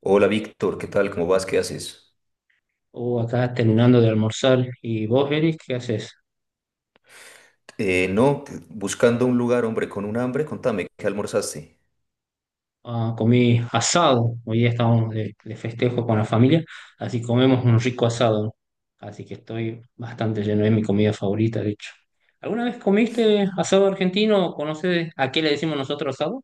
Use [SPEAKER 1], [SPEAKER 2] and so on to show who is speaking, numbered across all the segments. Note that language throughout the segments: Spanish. [SPEAKER 1] Hola Víctor, ¿qué tal? ¿Cómo vas? ¿Qué haces?
[SPEAKER 2] O acá terminando de almorzar. ¿Y vos, Eric, qué haces?
[SPEAKER 1] No, buscando un lugar, hombre, con un hambre, contame, ¿qué almorzaste?
[SPEAKER 2] Ah, comí asado. Hoy día estábamos de festejo con la familia, así comemos un rico asado. Así que estoy bastante lleno, es mi comida favorita, de hecho. ¿Alguna vez comiste asado argentino? ¿Conoces a qué le decimos nosotros asado?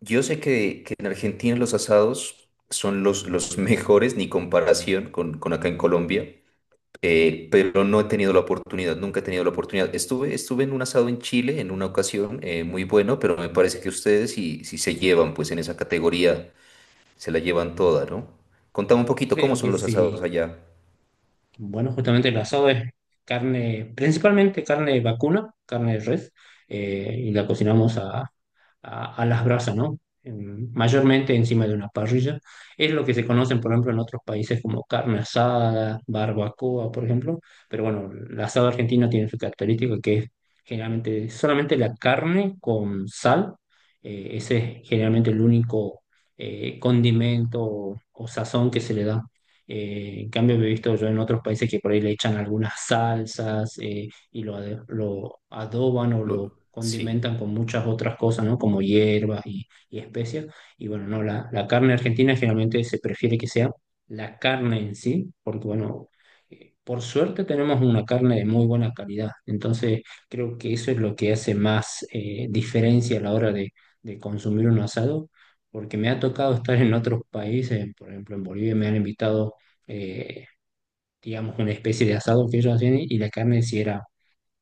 [SPEAKER 1] Yo sé que en Argentina los asados son los mejores, ni comparación con acá en Colombia,
[SPEAKER 2] Ah,
[SPEAKER 1] pero no he tenido la oportunidad, nunca he tenido la oportunidad. Estuve en un asado en Chile en una ocasión, muy bueno, pero me parece que ustedes si, si se llevan, pues en esa categoría se la llevan toda, ¿no? Contame un poquito, ¿cómo
[SPEAKER 2] creo que
[SPEAKER 1] son los
[SPEAKER 2] sí.
[SPEAKER 1] asados allá?
[SPEAKER 2] Bueno, justamente el asado es carne, principalmente carne vacuna, carne de res, y la cocinamos a las brasas, ¿no? Mayormente encima de una parrilla. Es lo que se conocen, por ejemplo, en otros países como carne asada, barbacoa, por ejemplo. Pero bueno, el asado argentino tiene su característica, que es generalmente solamente la carne con sal. Ese es generalmente el único condimento o sazón que se le da. En cambio, he visto yo en otros países que por ahí le echan algunas salsas, y lo adoban o lo
[SPEAKER 1] Sí.
[SPEAKER 2] condimentan con muchas otras cosas, ¿no? Como hierbas y especias. Y bueno, no, la carne argentina generalmente se prefiere que sea la carne en sí, porque bueno, por suerte tenemos una carne de muy buena calidad. Entonces, creo que eso es lo que hace más diferencia a la hora de consumir un asado, porque me ha tocado estar en otros países, por ejemplo, en Bolivia me han invitado, eh, digamos, una especie de asado que ellos hacían, y la carne sí era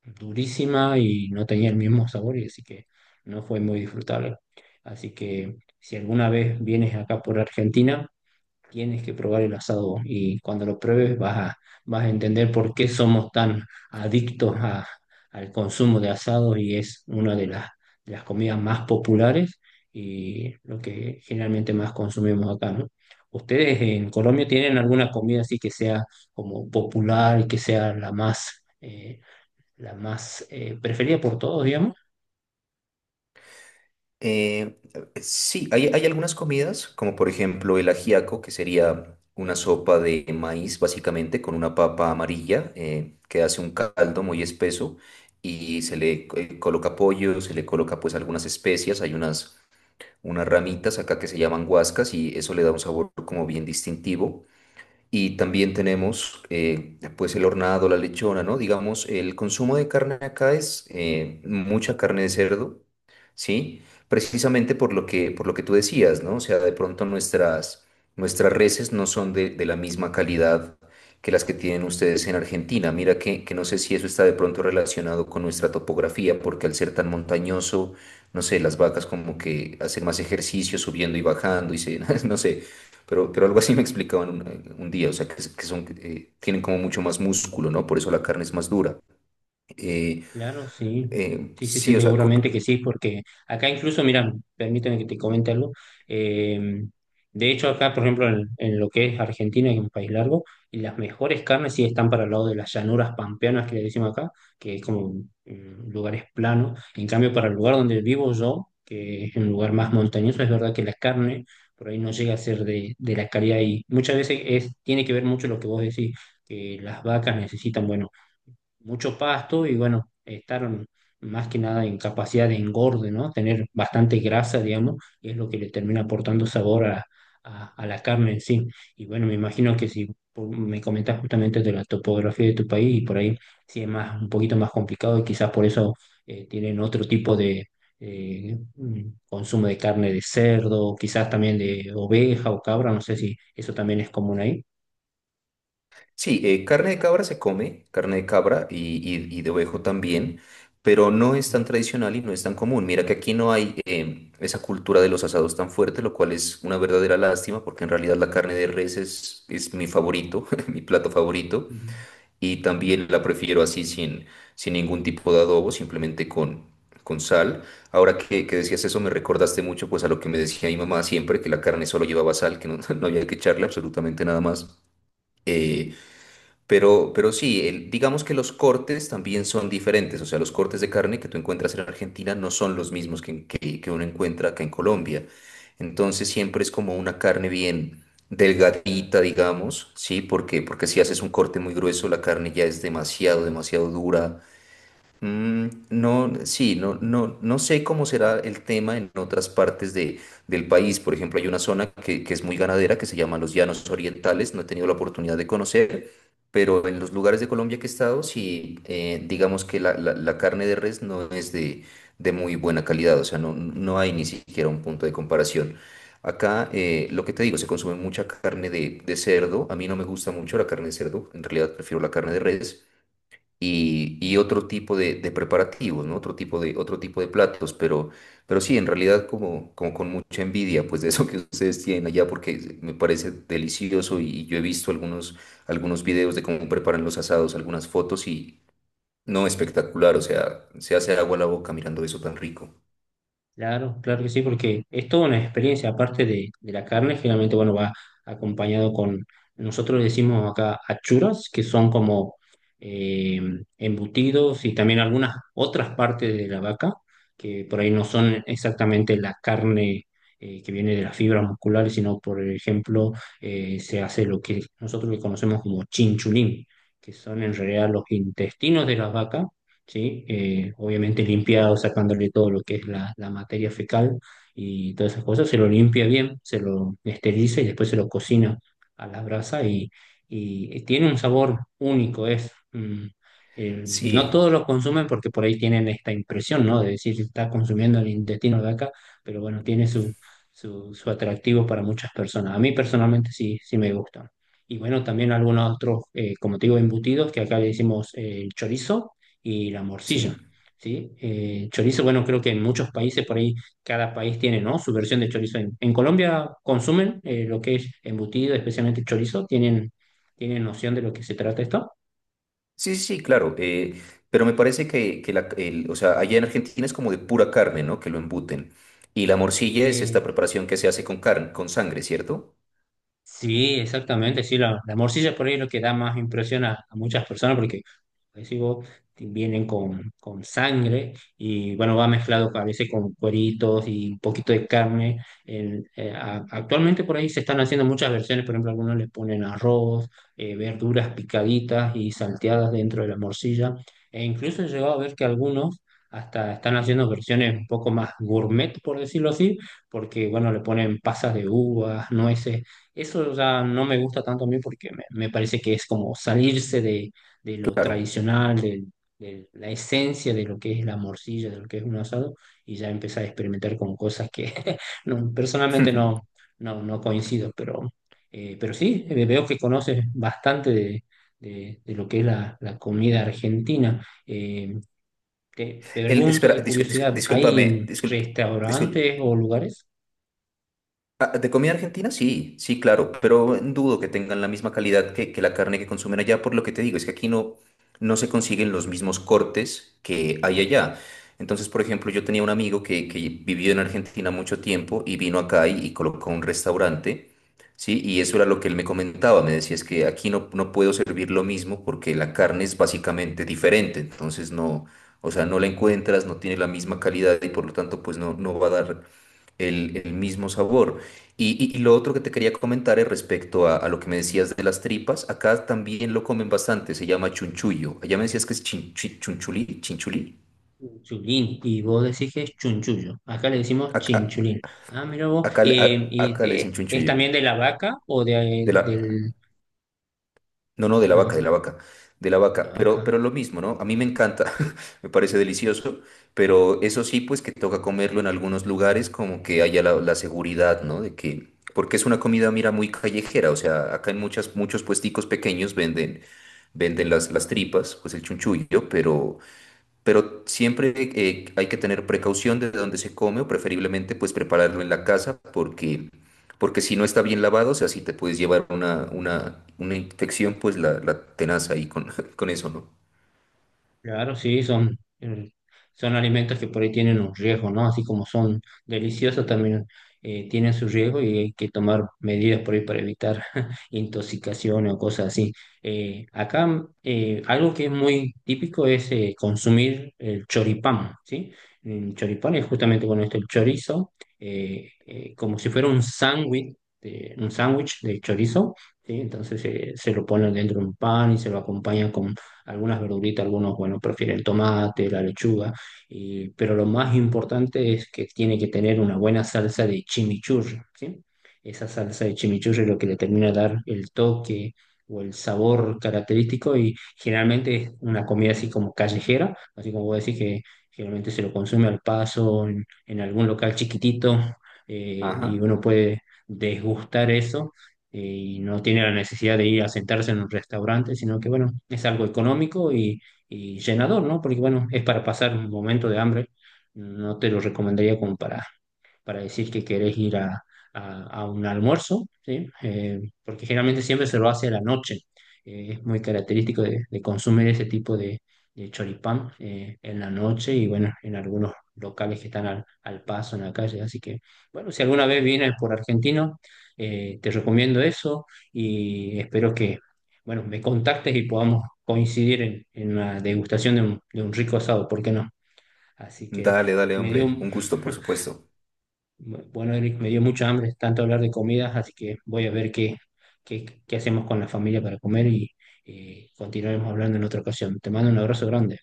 [SPEAKER 2] durísima y no tenía el mismo sabor, y así que no fue muy disfrutable. Así que si alguna vez vienes acá por Argentina, tienes que probar el asado, y cuando lo pruebes vas a entender por qué somos tan adictos a- al consumo de asado, y es una de las comidas más populares, y lo que generalmente más consumimos acá, ¿no? ¿Ustedes en Colombia tienen alguna comida así que sea como popular y que sea la más preferida por todos, digamos?
[SPEAKER 1] Eh, sí, hay algunas comidas, como por ejemplo el ajiaco, que sería una sopa de maíz, básicamente, con una papa amarilla, que hace un caldo muy espeso y se le coloca pollo, se le coloca pues algunas especias, hay unas, unas ramitas acá que se llaman guascas y eso le da un sabor como bien distintivo. Y también tenemos, pues el hornado, la lechona, ¿no? Digamos, el consumo de carne acá es, mucha carne de cerdo, ¿sí? Precisamente por lo que tú decías, ¿no? O sea, de pronto nuestras, nuestras reses no son de la misma calidad que las que tienen ustedes en Argentina. Mira que no sé si eso está de pronto relacionado con nuestra topografía, porque al ser tan montañoso, no sé, las vacas como que hacen más ejercicio subiendo y bajando y se, no sé. Pero algo así me explicaban un día, o sea, que, que son, tienen como mucho más músculo, ¿no? Por eso la carne es más dura. Eh,
[SPEAKER 2] Claro, sí. Sí, sí, sí,
[SPEAKER 1] sí, o sea,
[SPEAKER 2] seguramente que sí, porque acá incluso, mira, permíteme que te comente algo. eh, de hecho, acá, por ejemplo, en lo que es Argentina, que es un país largo, y las mejores carnes sí están para el lado de las llanuras pampeanas, que le decimos acá, que es como lugares planos. En cambio, para el lugar donde vivo yo, que es un lugar más montañoso, es verdad que la carne por ahí no llega a ser de la calidad, y muchas veces es, tiene que ver mucho lo que vos decís, que las vacas necesitan, bueno, mucho pasto y bueno, estar más que nada en capacidad de engorde, ¿no? Tener bastante grasa, digamos, y es lo que le termina aportando sabor a, a la carne en sí. Y bueno, me imagino que si por- me comentas justamente de la topografía de tu país, y por ahí sí es más, un poquito más complicado, y quizás por eso tienen otro tipo de... consumo de carne de cerdo, quizás también de oveja o cabra, no sé si eso también es común ahí.
[SPEAKER 1] sí, carne de cabra se come, carne de cabra y, y de ovejo también, pero no es tan tradicional y no es tan común. Mira que aquí no hay, esa cultura de los asados tan fuerte, lo cual es una verdadera lástima, porque en realidad la carne de res es mi favorito, mi plato favorito. Y también la prefiero así sin, sin ningún tipo de adobo, simplemente con sal. Ahora que decías eso, me recordaste mucho pues a lo que me decía mi mamá siempre, que la carne solo llevaba sal, que no, no había que echarle absolutamente nada más. Eh, pero sí, digamos que los cortes también son diferentes, o sea, los cortes de carne que tú encuentras en Argentina no son los mismos que uno encuentra acá en Colombia. Entonces siempre es como una carne bien delgadita, digamos, ¿sí? Porque, porque si haces un corte muy grueso, la carne ya es demasiado, demasiado dura. Mm, no, sí, no, no, no sé cómo será el tema en otras partes de, del país. Por ejemplo, hay una zona que es muy ganadera que se llama los Llanos Orientales. No he tenido la oportunidad de conocer, pero en los lugares de Colombia que he estado, sí, digamos que la, la carne de res no es de muy buena calidad. O sea, no, no hay ni siquiera un punto de comparación. Acá, lo que te digo, se consume mucha carne de cerdo. A mí no me gusta mucho la carne de cerdo. En realidad prefiero la carne de res y otro tipo de preparativos, ¿no? Otro tipo de platos, pero sí, en realidad como, como con mucha envidia, pues de eso que ustedes tienen allá, porque me parece delicioso y yo he visto algunos, algunos videos de cómo preparan los asados, algunas fotos y no, espectacular, o sea, se hace agua a la boca mirando eso tan rico.
[SPEAKER 2] Claro, claro que sí, porque es toda una experiencia, aparte de la carne, generalmente, bueno, va acompañado con, nosotros le decimos acá achuras, que son como eh, embutidos, y también algunas otras partes de la vaca, que por ahí no son exactamente la carne que viene de las fibras musculares, sino, por ejemplo, se hace lo que nosotros le conocemos como chinchulín, que son en realidad los intestinos de las vacas, ¿sí? Obviamente limpiado, sacándole todo lo que es la materia fecal y todas esas cosas, se lo limpia bien, se lo esteriliza y después se lo cocina a la brasa, y tiene un sabor único, es... eh, no todos
[SPEAKER 1] Sí,
[SPEAKER 2] lo consumen porque por ahí tienen esta impresión, ¿no? De decir, está consumiendo el intestino de vaca, pero bueno, tiene su atractivo para muchas personas. A mí personalmente sí, sí me gustan. Y bueno, también algunos otros, como te digo, embutidos, que acá le decimos chorizo, y la morcilla,
[SPEAKER 1] sí.
[SPEAKER 2] ¿sí? Chorizo, bueno, creo que en muchos países por ahí, cada país tiene, ¿no? Su versión de chorizo. En Colombia consumen lo que es embutido, especialmente chorizo, tienen noción de lo que se trata esto.
[SPEAKER 1] Sí, sí, sí, claro. Pero me parece que la, o sea, allá en Argentina es como de pura carne, ¿no? Que lo embuten. Y la morcilla es esta
[SPEAKER 2] Eh,
[SPEAKER 1] preparación que se hace con carne, con sangre, ¿cierto?
[SPEAKER 2] Sí, exactamente, sí, la morcilla por ahí es lo que da más impresión a muchas personas porque, como decís vos, vienen con sangre, y bueno, va mezclado a veces con cueritos y un poquito de carne. Actualmente por ahí se están haciendo muchas versiones, por ejemplo, algunos le ponen arroz, verduras picaditas y salteadas dentro de la morcilla, e incluso he llegado a ver que algunos hasta están haciendo versiones un poco más gourmet, por decirlo así, porque bueno, le ponen pasas de uvas, nueces. Eso ya no me gusta tanto a mí, porque me parece que es como salirse de lo
[SPEAKER 1] Claro.
[SPEAKER 2] tradicional, de la esencia de lo que es la morcilla, de lo que es un asado, y ya empezar a experimentar con cosas que no, personalmente no, no, no coincido, pero sí, veo que conoces bastante de, de lo que es la comida argentina. Te
[SPEAKER 1] El,
[SPEAKER 2] pregunto
[SPEAKER 1] espera,
[SPEAKER 2] de curiosidad, ¿hay
[SPEAKER 1] discúlpame, discúlpame,
[SPEAKER 2] restaurantes
[SPEAKER 1] discúlp-
[SPEAKER 2] o lugares?
[SPEAKER 1] Ah, ¿de comida argentina? Sí, sí, claro, pero dudo que tengan la misma calidad que la carne que consumen allá, por lo que te digo, es que aquí no, no se consiguen los mismos cortes que hay
[SPEAKER 2] Ujú.
[SPEAKER 1] allá. Entonces, por ejemplo, yo tenía un amigo que vivió en Argentina mucho tiempo y vino acá y colocó un restaurante, ¿sí? Y eso era lo que él me comentaba, me decía, es que aquí no, no puedo servir lo mismo porque la carne es básicamente diferente, entonces no, o sea, no la encuentras, no tiene la misma calidad y por lo tanto, pues no, no va a dar el mismo sabor. Y, y lo otro que te quería comentar es respecto a lo que me decías de las tripas, acá también lo comen bastante, se llama chunchullo. Allá me decías que es chunchulí, chinchulí.
[SPEAKER 2] Chulín, y vos decís que es chunchullo. Acá le decimos
[SPEAKER 1] Acá,
[SPEAKER 2] chinchulín. Ah, mira vos.
[SPEAKER 1] acá,
[SPEAKER 2] Y,
[SPEAKER 1] acá le dicen
[SPEAKER 2] ¿es
[SPEAKER 1] chunchullo.
[SPEAKER 2] también de la vaca o de,
[SPEAKER 1] De la,
[SPEAKER 2] del...
[SPEAKER 1] no, no, de la vaca, de
[SPEAKER 2] Ajá,
[SPEAKER 1] la vaca, de la
[SPEAKER 2] la
[SPEAKER 1] vaca,
[SPEAKER 2] vaca.
[SPEAKER 1] pero lo mismo, ¿no? A mí me encanta, me parece delicioso, pero eso sí, pues que toca comerlo en algunos lugares como que haya la, la seguridad, ¿no? De que, porque es una comida, mira, muy callejera, o sea, acá en muchas, muchos puesticos pequeños venden, venden las tripas, pues el chunchullo, pero siempre, hay que tener precaución de dónde se come o preferiblemente pues prepararlo en la casa porque, porque si no está bien lavado, o sea, si te puedes llevar una infección, pues la tenaz ahí con, con eso, ¿no?
[SPEAKER 2] Claro, sí, son, son alimentos que por ahí tienen un riesgo, ¿no? Así como son deliciosos, también tienen su riesgo, y hay que tomar medidas por ahí para evitar intoxicaciones o cosas así. Acá algo que es muy típico es consumir el choripán, ¿sí? El choripán es justamente con esto, el chorizo, como si fuera un sándwich, un sándwich de chorizo, ¿sí? Entonces se lo ponen dentro de un pan, y se lo acompaña con algunas verduritas, algunos, bueno, prefieren el tomate, la lechuga, pero lo más importante es que tiene que tener una buena salsa de chimichurri, ¿sí? Esa salsa de chimichurri es lo que le termina de dar el toque o el sabor característico, y generalmente es una comida así como callejera, así como vos decís, que generalmente se lo consume al paso en algún local chiquitito, y
[SPEAKER 1] Ajá.
[SPEAKER 2] uno puede desgustar eso, y no tiene la necesidad de ir a sentarse en un restaurante, sino que, bueno, es algo económico y llenador, ¿no? Porque, bueno, es para pasar un momento de hambre. No te lo recomendaría como para decir que querés ir a, a un almuerzo, ¿sí? Porque generalmente siempre se lo hace a la noche. Es muy característico de consumir ese tipo de choripán en la noche, y bueno, en algunos locales que están al, al paso en la calle. Así que, bueno, si alguna vez vienes por Argentino, te recomiendo eso, y espero que, bueno, me contactes y podamos coincidir en una degustación de un rico asado, ¿por qué no? Así que
[SPEAKER 1] Dale, dale,
[SPEAKER 2] me dio
[SPEAKER 1] hombre. Un gusto, por supuesto.
[SPEAKER 2] bueno, Eric, me dio mucha hambre tanto hablar de comidas, así que voy a ver qué, qué, qué hacemos con la familia para comer, y continuaremos hablando en otra ocasión. Te mando un abrazo grande.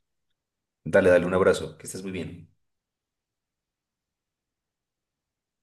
[SPEAKER 1] Dale, dale, un abrazo. Que estés muy bien.